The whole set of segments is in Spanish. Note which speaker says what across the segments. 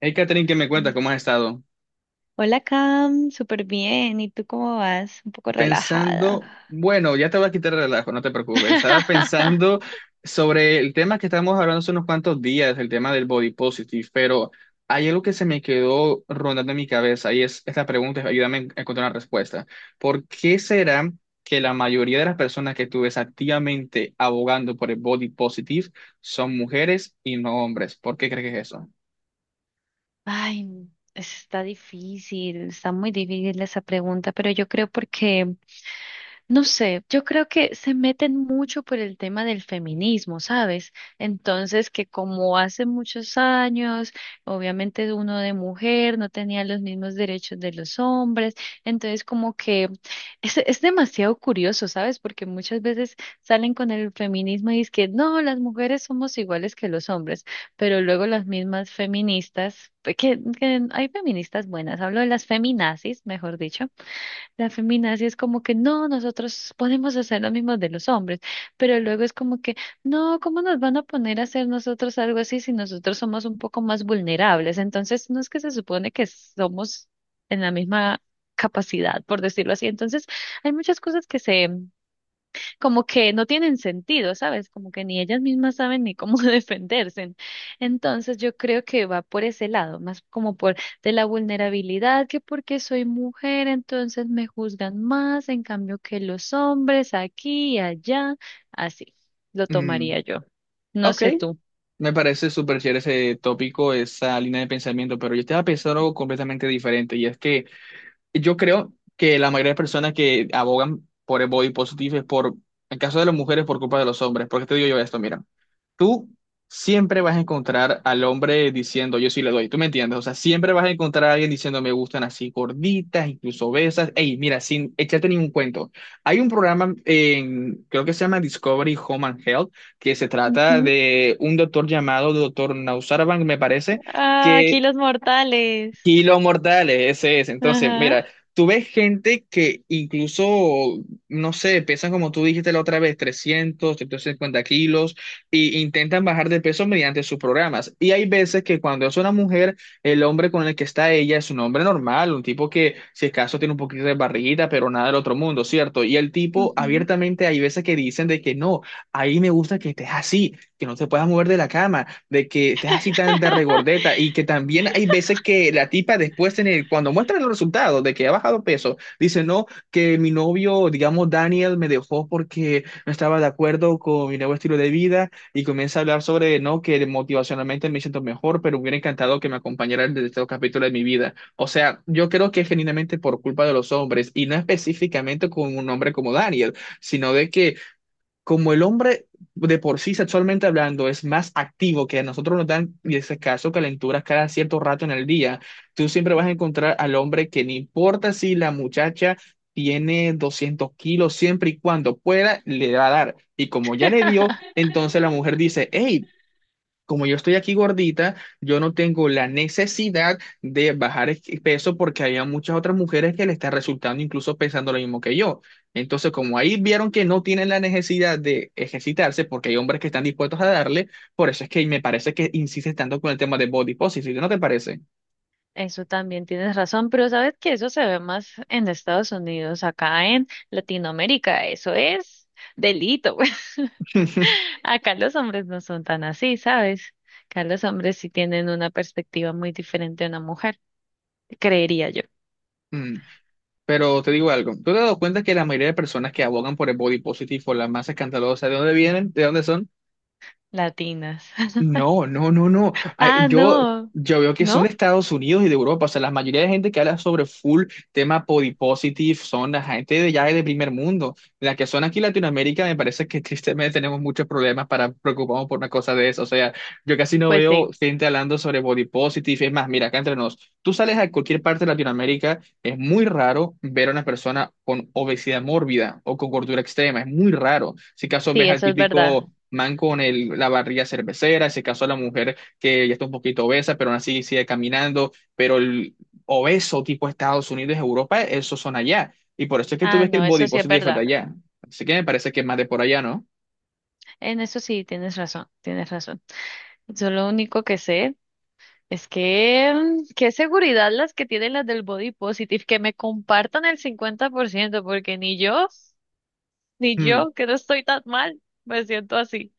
Speaker 1: Hey, Catherine, ¿qué me
Speaker 2: Mm.
Speaker 1: cuenta? ¿Cómo has estado?
Speaker 2: Hola Cam, súper bien. ¿Y tú cómo vas? Un poco
Speaker 1: Pensando,
Speaker 2: relajada.
Speaker 1: bueno, ya te voy a quitar el relajo, no te preocupes. Estaba pensando sobre el tema que estábamos hablando hace unos cuantos días, el tema del body positive, pero hay algo que se me quedó rondando en mi cabeza y es esta pregunta, ayúdame a encontrar una respuesta. ¿Por qué será que la mayoría de las personas que tú ves activamente abogando por el body positive son mujeres y no hombres? ¿Por qué crees que es eso?
Speaker 2: Ay, está difícil, está muy difícil esa pregunta, pero yo creo porque no sé, yo creo que se meten mucho por el tema del feminismo, ¿sabes? Entonces, que como hace muchos años, obviamente uno de mujer no tenía los mismos derechos de los hombres, entonces como que es demasiado curioso, ¿sabes? Porque muchas veces salen con el feminismo y es que no, las mujeres somos iguales que los hombres, pero luego las mismas feministas, que hay feministas buenas, hablo de las feminazis, mejor dicho la feminazi es como que no, nosotros podemos hacer lo mismo de los hombres, pero luego es como que no, ¿cómo nos van a poner a hacer nosotros algo así si nosotros somos un poco más vulnerables? Entonces, no es que se supone que somos en la misma capacidad, por decirlo así. Entonces, hay muchas cosas que se como que no tienen sentido, ¿sabes? Como que ni ellas mismas saben ni cómo defenderse. Entonces yo creo que va por ese lado, más como por de la vulnerabilidad, que porque soy mujer, entonces me juzgan más, en cambio que los hombres aquí y allá, así lo
Speaker 1: Mm,
Speaker 2: tomaría yo. No
Speaker 1: ok.
Speaker 2: sé tú.
Speaker 1: Me parece súper chévere ese tópico, esa línea de pensamiento, pero yo estaba pensando algo completamente diferente y es que yo creo que la mayoría de personas que abogan por el body positive es por, en caso de las mujeres, por culpa de los hombres. Porque te digo yo esto, mira, tú siempre vas a encontrar al hombre diciendo, yo sí le doy, ¿tú me entiendes? O sea, siempre vas a encontrar a alguien diciendo, me gustan así gorditas, incluso obesas. Ey, mira, sin echarte ningún cuento. Hay un programa en, creo que se llama Discovery Home and Health, que se trata
Speaker 2: Ujú.
Speaker 1: de un doctor llamado doctor Nausarvan, me parece.
Speaker 2: Ah,
Speaker 1: Que
Speaker 2: aquí los mortales.
Speaker 1: Kilos mortales, ese es. Entonces,
Speaker 2: Ajá.
Speaker 1: mira, tú ves gente que incluso, no sé, pesan como tú dijiste la otra vez, 300, cincuenta kilos, e intentan bajar de peso mediante sus programas. Y hay veces que cuando es una mujer, el hombre con el que está ella es un hombre normal, un tipo que, si es caso, tiene un poquito de barriguita, pero nada del otro mundo, ¿cierto? Y el tipo,
Speaker 2: Ujú.
Speaker 1: abiertamente, hay veces que dicen de que no, ahí me gusta que estés así, que no te puedas mover de la cama, de que estés así tan de regordeta. Y que también hay veces que la tipa después, cuando muestra los resultados de que ha bajado peso, dice, no, que mi novio, digamos, Daniel me dejó porque no estaba de acuerdo con mi nuevo estilo de vida y comienza a hablar sobre, no, que motivacionalmente me siento mejor, pero me hubiera encantado que me acompañara en este capítulo de mi vida. O sea, yo creo que es genuinamente por culpa de los hombres y no específicamente con un hombre como Daniel, sino de que como el hombre de por sí sexualmente hablando es más activo, que a nosotros nos dan, y ese caso, calenturas cada cierto rato en el día, tú siempre vas a encontrar al hombre que no importa si la muchacha tiene 200 kilos, siempre y cuando pueda, le va a dar. Y como ya le dio, entonces la mujer dice, hey, como yo estoy aquí gordita, yo no tengo la necesidad de bajar peso porque había muchas otras mujeres que le está resultando incluso pensando lo mismo que yo. Entonces, como ahí vieron que no tienen la necesidad de ejercitarse porque hay hombres que están dispuestos a darle, por eso es que me parece que insistes tanto con el tema de body positive, ¿no te parece?
Speaker 2: Eso también tienes razón, pero sabes que eso se ve más en Estados Unidos, acá en Latinoamérica, eso es delito. Acá los hombres no son tan así, ¿sabes? Acá los hombres sí tienen una perspectiva muy diferente a una mujer, creería yo,
Speaker 1: Mm, pero te digo algo, ¿tú te has dado cuenta que la mayoría de personas que abogan por el body positive o las más escandalosas, ¿de dónde vienen? ¿De dónde son?
Speaker 2: latinas.
Speaker 1: No, no, no, no. Ay,
Speaker 2: Ah,
Speaker 1: Yo,
Speaker 2: no,
Speaker 1: yo veo que son de
Speaker 2: ¿no?
Speaker 1: Estados Unidos y de Europa. O sea, la mayoría de gente que habla sobre full tema body positive son la gente de ya de primer mundo. La que son aquí en Latinoamérica, me parece que tristemente tenemos muchos problemas para preocuparnos por una cosa de eso. O sea, yo casi no
Speaker 2: Pues
Speaker 1: veo
Speaker 2: sí,
Speaker 1: gente hablando sobre body positive. Es más, mira, acá entre nos, tú sales a cualquier parte de Latinoamérica, es muy raro ver a una persona con obesidad mórbida o con gordura extrema, es muy raro. Si acaso ves
Speaker 2: sí,
Speaker 1: al
Speaker 2: eso es verdad.
Speaker 1: típico man con el, la barriga cervecera, si acaso a la mujer que ya está un poquito obesa, pero aún así sigue caminando, pero el obeso tipo Estados Unidos, Europa, esos son allá. Y por eso es que tú
Speaker 2: Ah,
Speaker 1: ves que el
Speaker 2: no,
Speaker 1: body
Speaker 2: eso sí es
Speaker 1: positive fue de
Speaker 2: verdad.
Speaker 1: allá. Así que me parece que es más de por allá, ¿no?
Speaker 2: En eso sí tienes razón, tienes razón. Yo lo único que sé. Es que, qué seguridad las que tienen las del body positive, que me compartan el 50% porque ni yo, ni
Speaker 1: Hmm.
Speaker 2: yo, que no estoy tan mal, me siento así.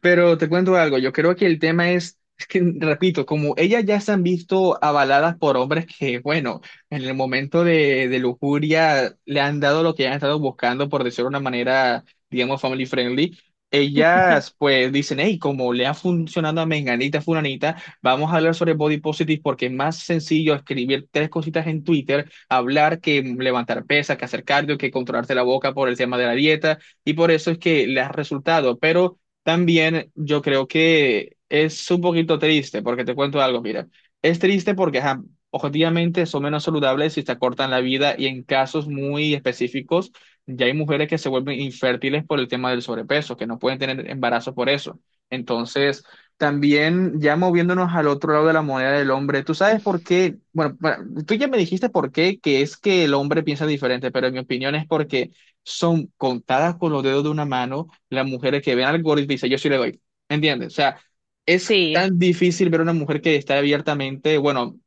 Speaker 1: Pero te cuento algo, yo creo que el tema es que, repito, como ellas ya se han visto avaladas por hombres que, bueno, en el momento de lujuria le han dado lo que han estado buscando, por decirlo de una manera, digamos, family friendly, ellas pues dicen, hey, como le ha funcionado a Menganita, Fulanita, vamos a hablar sobre body positive porque es más sencillo escribir tres cositas en Twitter, hablar que levantar pesas, que hacer cardio, que controlarse la boca por el tema de la dieta, y por eso es que les ha resultado, pero... También yo creo que es un poquito triste, porque te cuento algo, mira, es triste porque ajá, objetivamente son menos saludables y te acortan la vida y en casos muy específicos ya hay mujeres que se vuelven infértiles por el tema del sobrepeso, que no pueden tener embarazo por eso. Entonces, también ya moviéndonos al otro lado de la moneda del hombre, ¿tú sabes por qué? Bueno, bueno, tú ya me dijiste por qué, que es que el hombre piensa diferente, pero en mi opinión es porque son contadas con los dedos de una mano las mujeres que ven algoritmo y dicen, yo sí le doy. ¿Entiendes? O sea, es
Speaker 2: Sí,
Speaker 1: tan difícil ver una mujer que está abiertamente, bueno,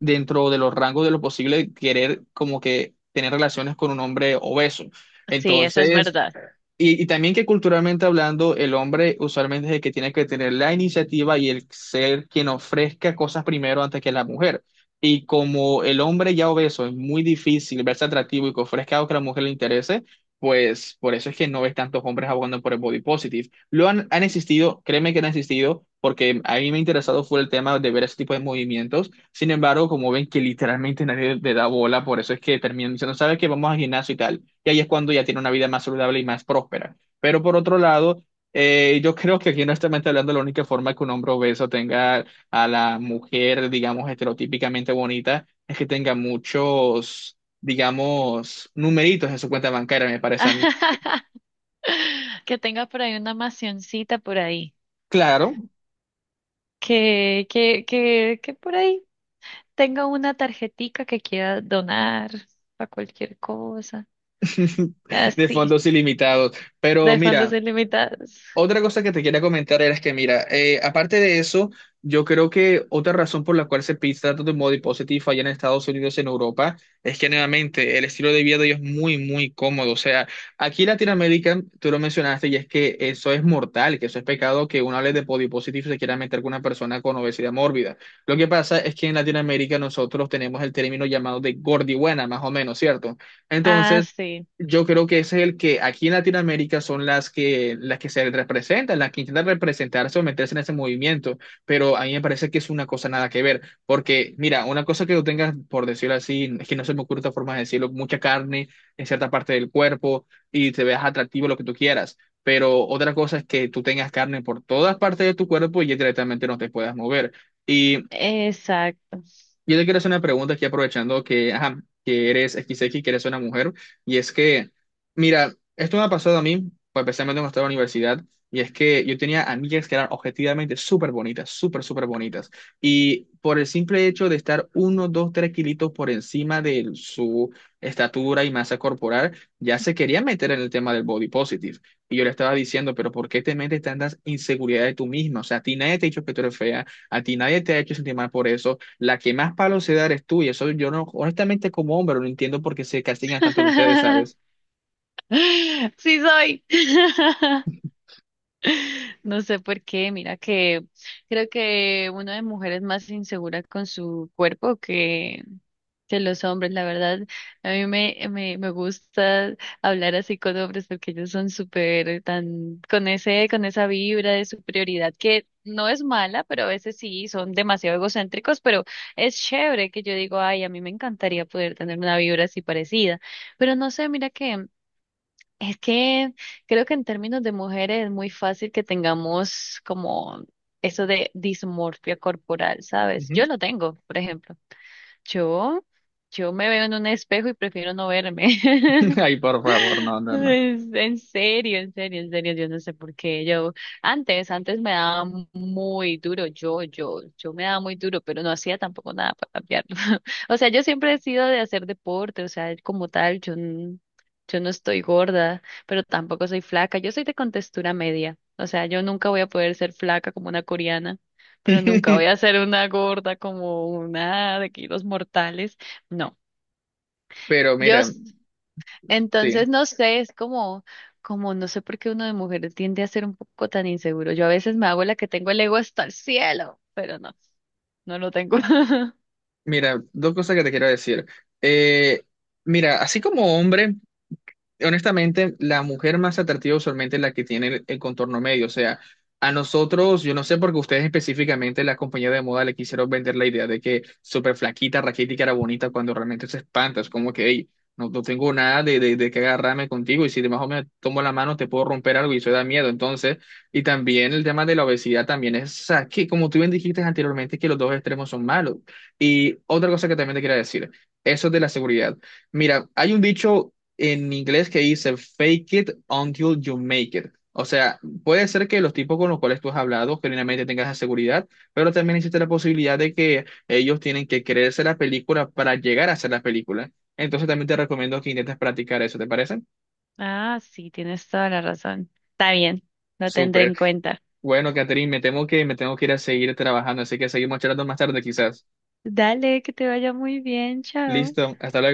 Speaker 1: dentro de los rangos de lo posible, querer como que tener relaciones con un hombre obeso.
Speaker 2: sí, eso es
Speaker 1: Entonces,
Speaker 2: verdad.
Speaker 1: y también que culturalmente hablando, el hombre usualmente es el que tiene que tener la iniciativa y el ser quien ofrezca cosas primero antes que la mujer. Y como el hombre ya obeso es muy difícil verse atractivo y que ofrezca algo que a la mujer le interese, pues por eso es que no ves tantos hombres abogando por el body positive. Lo han existido, créeme que han existido, porque a mí me ha interesado fue el tema de ver ese tipo de movimientos. Sin embargo, como ven que literalmente nadie le da bola, por eso es que terminan diciendo, ¿sabes qué? Vamos al gimnasio y tal, y ahí es cuando ya tiene una vida más saludable y más próspera. Pero por otro lado, yo creo que aquí honestamente hablando, la única forma que un hombre obeso tenga a la mujer, digamos, estereotípicamente bonita, es que tenga muchos, digamos, numeritos en su cuenta bancaria, me parece a mí.
Speaker 2: Que tenga por ahí una macioncita por ahí.
Speaker 1: Claro,
Speaker 2: Que por ahí tenga una tarjetica que quiera donar para cualquier cosa.
Speaker 1: de
Speaker 2: Así,
Speaker 1: fondos ilimitados. Pero
Speaker 2: de fondos
Speaker 1: mira,
Speaker 2: ilimitados.
Speaker 1: otra cosa que te quería comentar era que, mira, aparte de eso, yo creo que otra razón por la cual se pide tanto de body positive allá en Estados Unidos, en Europa, es que nuevamente el estilo de vida de ellos es muy, muy cómodo. O sea, aquí en Latinoamérica, tú lo mencionaste, y es que eso es mortal, que eso es pecado que uno hable de body positive y se quiera meter con una persona con obesidad mórbida. Lo que pasa es que en Latinoamérica nosotros tenemos el término llamado de gordibuena, más o menos, ¿cierto?
Speaker 2: Ah,
Speaker 1: Entonces
Speaker 2: sí,
Speaker 1: yo creo que ese es el que aquí en Latinoamérica son las que se representan, las que intentan representarse o meterse en ese movimiento, pero a mí me parece que es una cosa nada que ver, porque mira, una cosa que tú tengas, por decirlo así, es que no se me ocurre otra forma de decirlo, mucha carne en cierta parte del cuerpo y te veas atractivo lo que tú quieras, pero otra cosa es que tú tengas carne por todas partes de tu cuerpo y ya directamente no te puedas mover. Y
Speaker 2: exacto.
Speaker 1: yo te quiero hacer una pregunta aquí aprovechando que, ajá, que eres XX, que eres una mujer, y es que, mira, esto me ha pasado a mí, pues especialmente cuando estaba en la universidad, y es que yo tenía amigas que eran objetivamente súper bonitas, súper, súper bonitas, y por el simple hecho de estar uno, dos, tres kilitos por encima de su estatura y masa corporal, ya se quería meter en el tema del body positive, y yo le estaba diciendo, pero ¿por qué te metes tantas inseguridades tú misma? O sea, a ti nadie te ha dicho que tú eres fea, a ti nadie te ha hecho sentir mal por eso, la que más palo se da eres tú, y eso yo no, honestamente como hombre, no entiendo por qué se castigan tanto en ustedes, ¿sabes?
Speaker 2: Sí soy. No sé por qué, mira que creo que una de mujeres más insegura con su cuerpo que los hombres, la verdad. A mí me gusta hablar así con hombres porque ellos son súper tan con esa vibra de superioridad que no es mala, pero a veces sí son demasiado egocéntricos, pero es chévere que yo digo, ay, a mí me encantaría poder tener una vibra así parecida. Pero no sé, mira que es que creo que en términos de mujeres es muy fácil que tengamos como eso de dismorfia corporal, ¿sabes?
Speaker 1: Ujú.
Speaker 2: Yo lo tengo, por ejemplo. Yo, yo me veo en un espejo y prefiero no verme.
Speaker 1: Ay, por favor, no, no, no.
Speaker 2: En serio, en serio, en serio, yo no sé por qué. Yo antes me daba muy duro, yo me daba muy duro, pero no hacía tampoco nada para cambiarlo. O sea, yo siempre he sido de hacer deporte, o sea, como tal, yo, yo no estoy gorda, pero tampoco soy flaca. Yo soy de contextura media, o sea, yo nunca voy a poder ser flaca como una coreana, pero nunca voy a ser una gorda como una de kilos mortales. No,
Speaker 1: Pero mira,
Speaker 2: Dios.
Speaker 1: sí,
Speaker 2: Entonces, no sé, es como no sé por qué uno de mujeres tiende a ser un poco tan inseguro. Yo a veces me hago la que tengo el ego hasta el cielo, pero no, no lo tengo.
Speaker 1: mira, dos cosas que te quiero decir. Eh, mira, así como hombre, honestamente, la mujer más atractiva usualmente es la que tiene el contorno medio. O sea, a nosotros, yo no sé por qué ustedes específicamente, la compañía de moda, le quisieron vender la idea de que súper flaquita, raquítica era bonita cuando realmente se espanta. Es como que, hey, no, no tengo nada de que agarrarme contigo y si de más o menos tomo la mano te puedo romper algo y eso da miedo. Entonces, y también el tema de la obesidad también es, o sea, que como tú bien dijiste anteriormente, que los dos extremos son malos. Y otra cosa que también te quería decir, eso de la seguridad. Mira, hay un dicho en inglés que dice fake it until you make it. O sea, puede ser que los tipos con los cuales tú has hablado genuinamente tengas esa seguridad, pero también existe la posibilidad de que ellos tienen que creerse la película para llegar a hacer la película. Entonces también te recomiendo que intentes practicar eso, ¿te parece?
Speaker 2: Ah, sí, tienes toda la razón. Está bien, lo tendré
Speaker 1: Súper.
Speaker 2: en cuenta.
Speaker 1: Bueno, Catherine, me temo que me tengo que ir a seguir trabajando, así que seguimos charlando más tarde quizás.
Speaker 2: Dale, que te vaya muy bien, chao.
Speaker 1: Listo, hasta luego.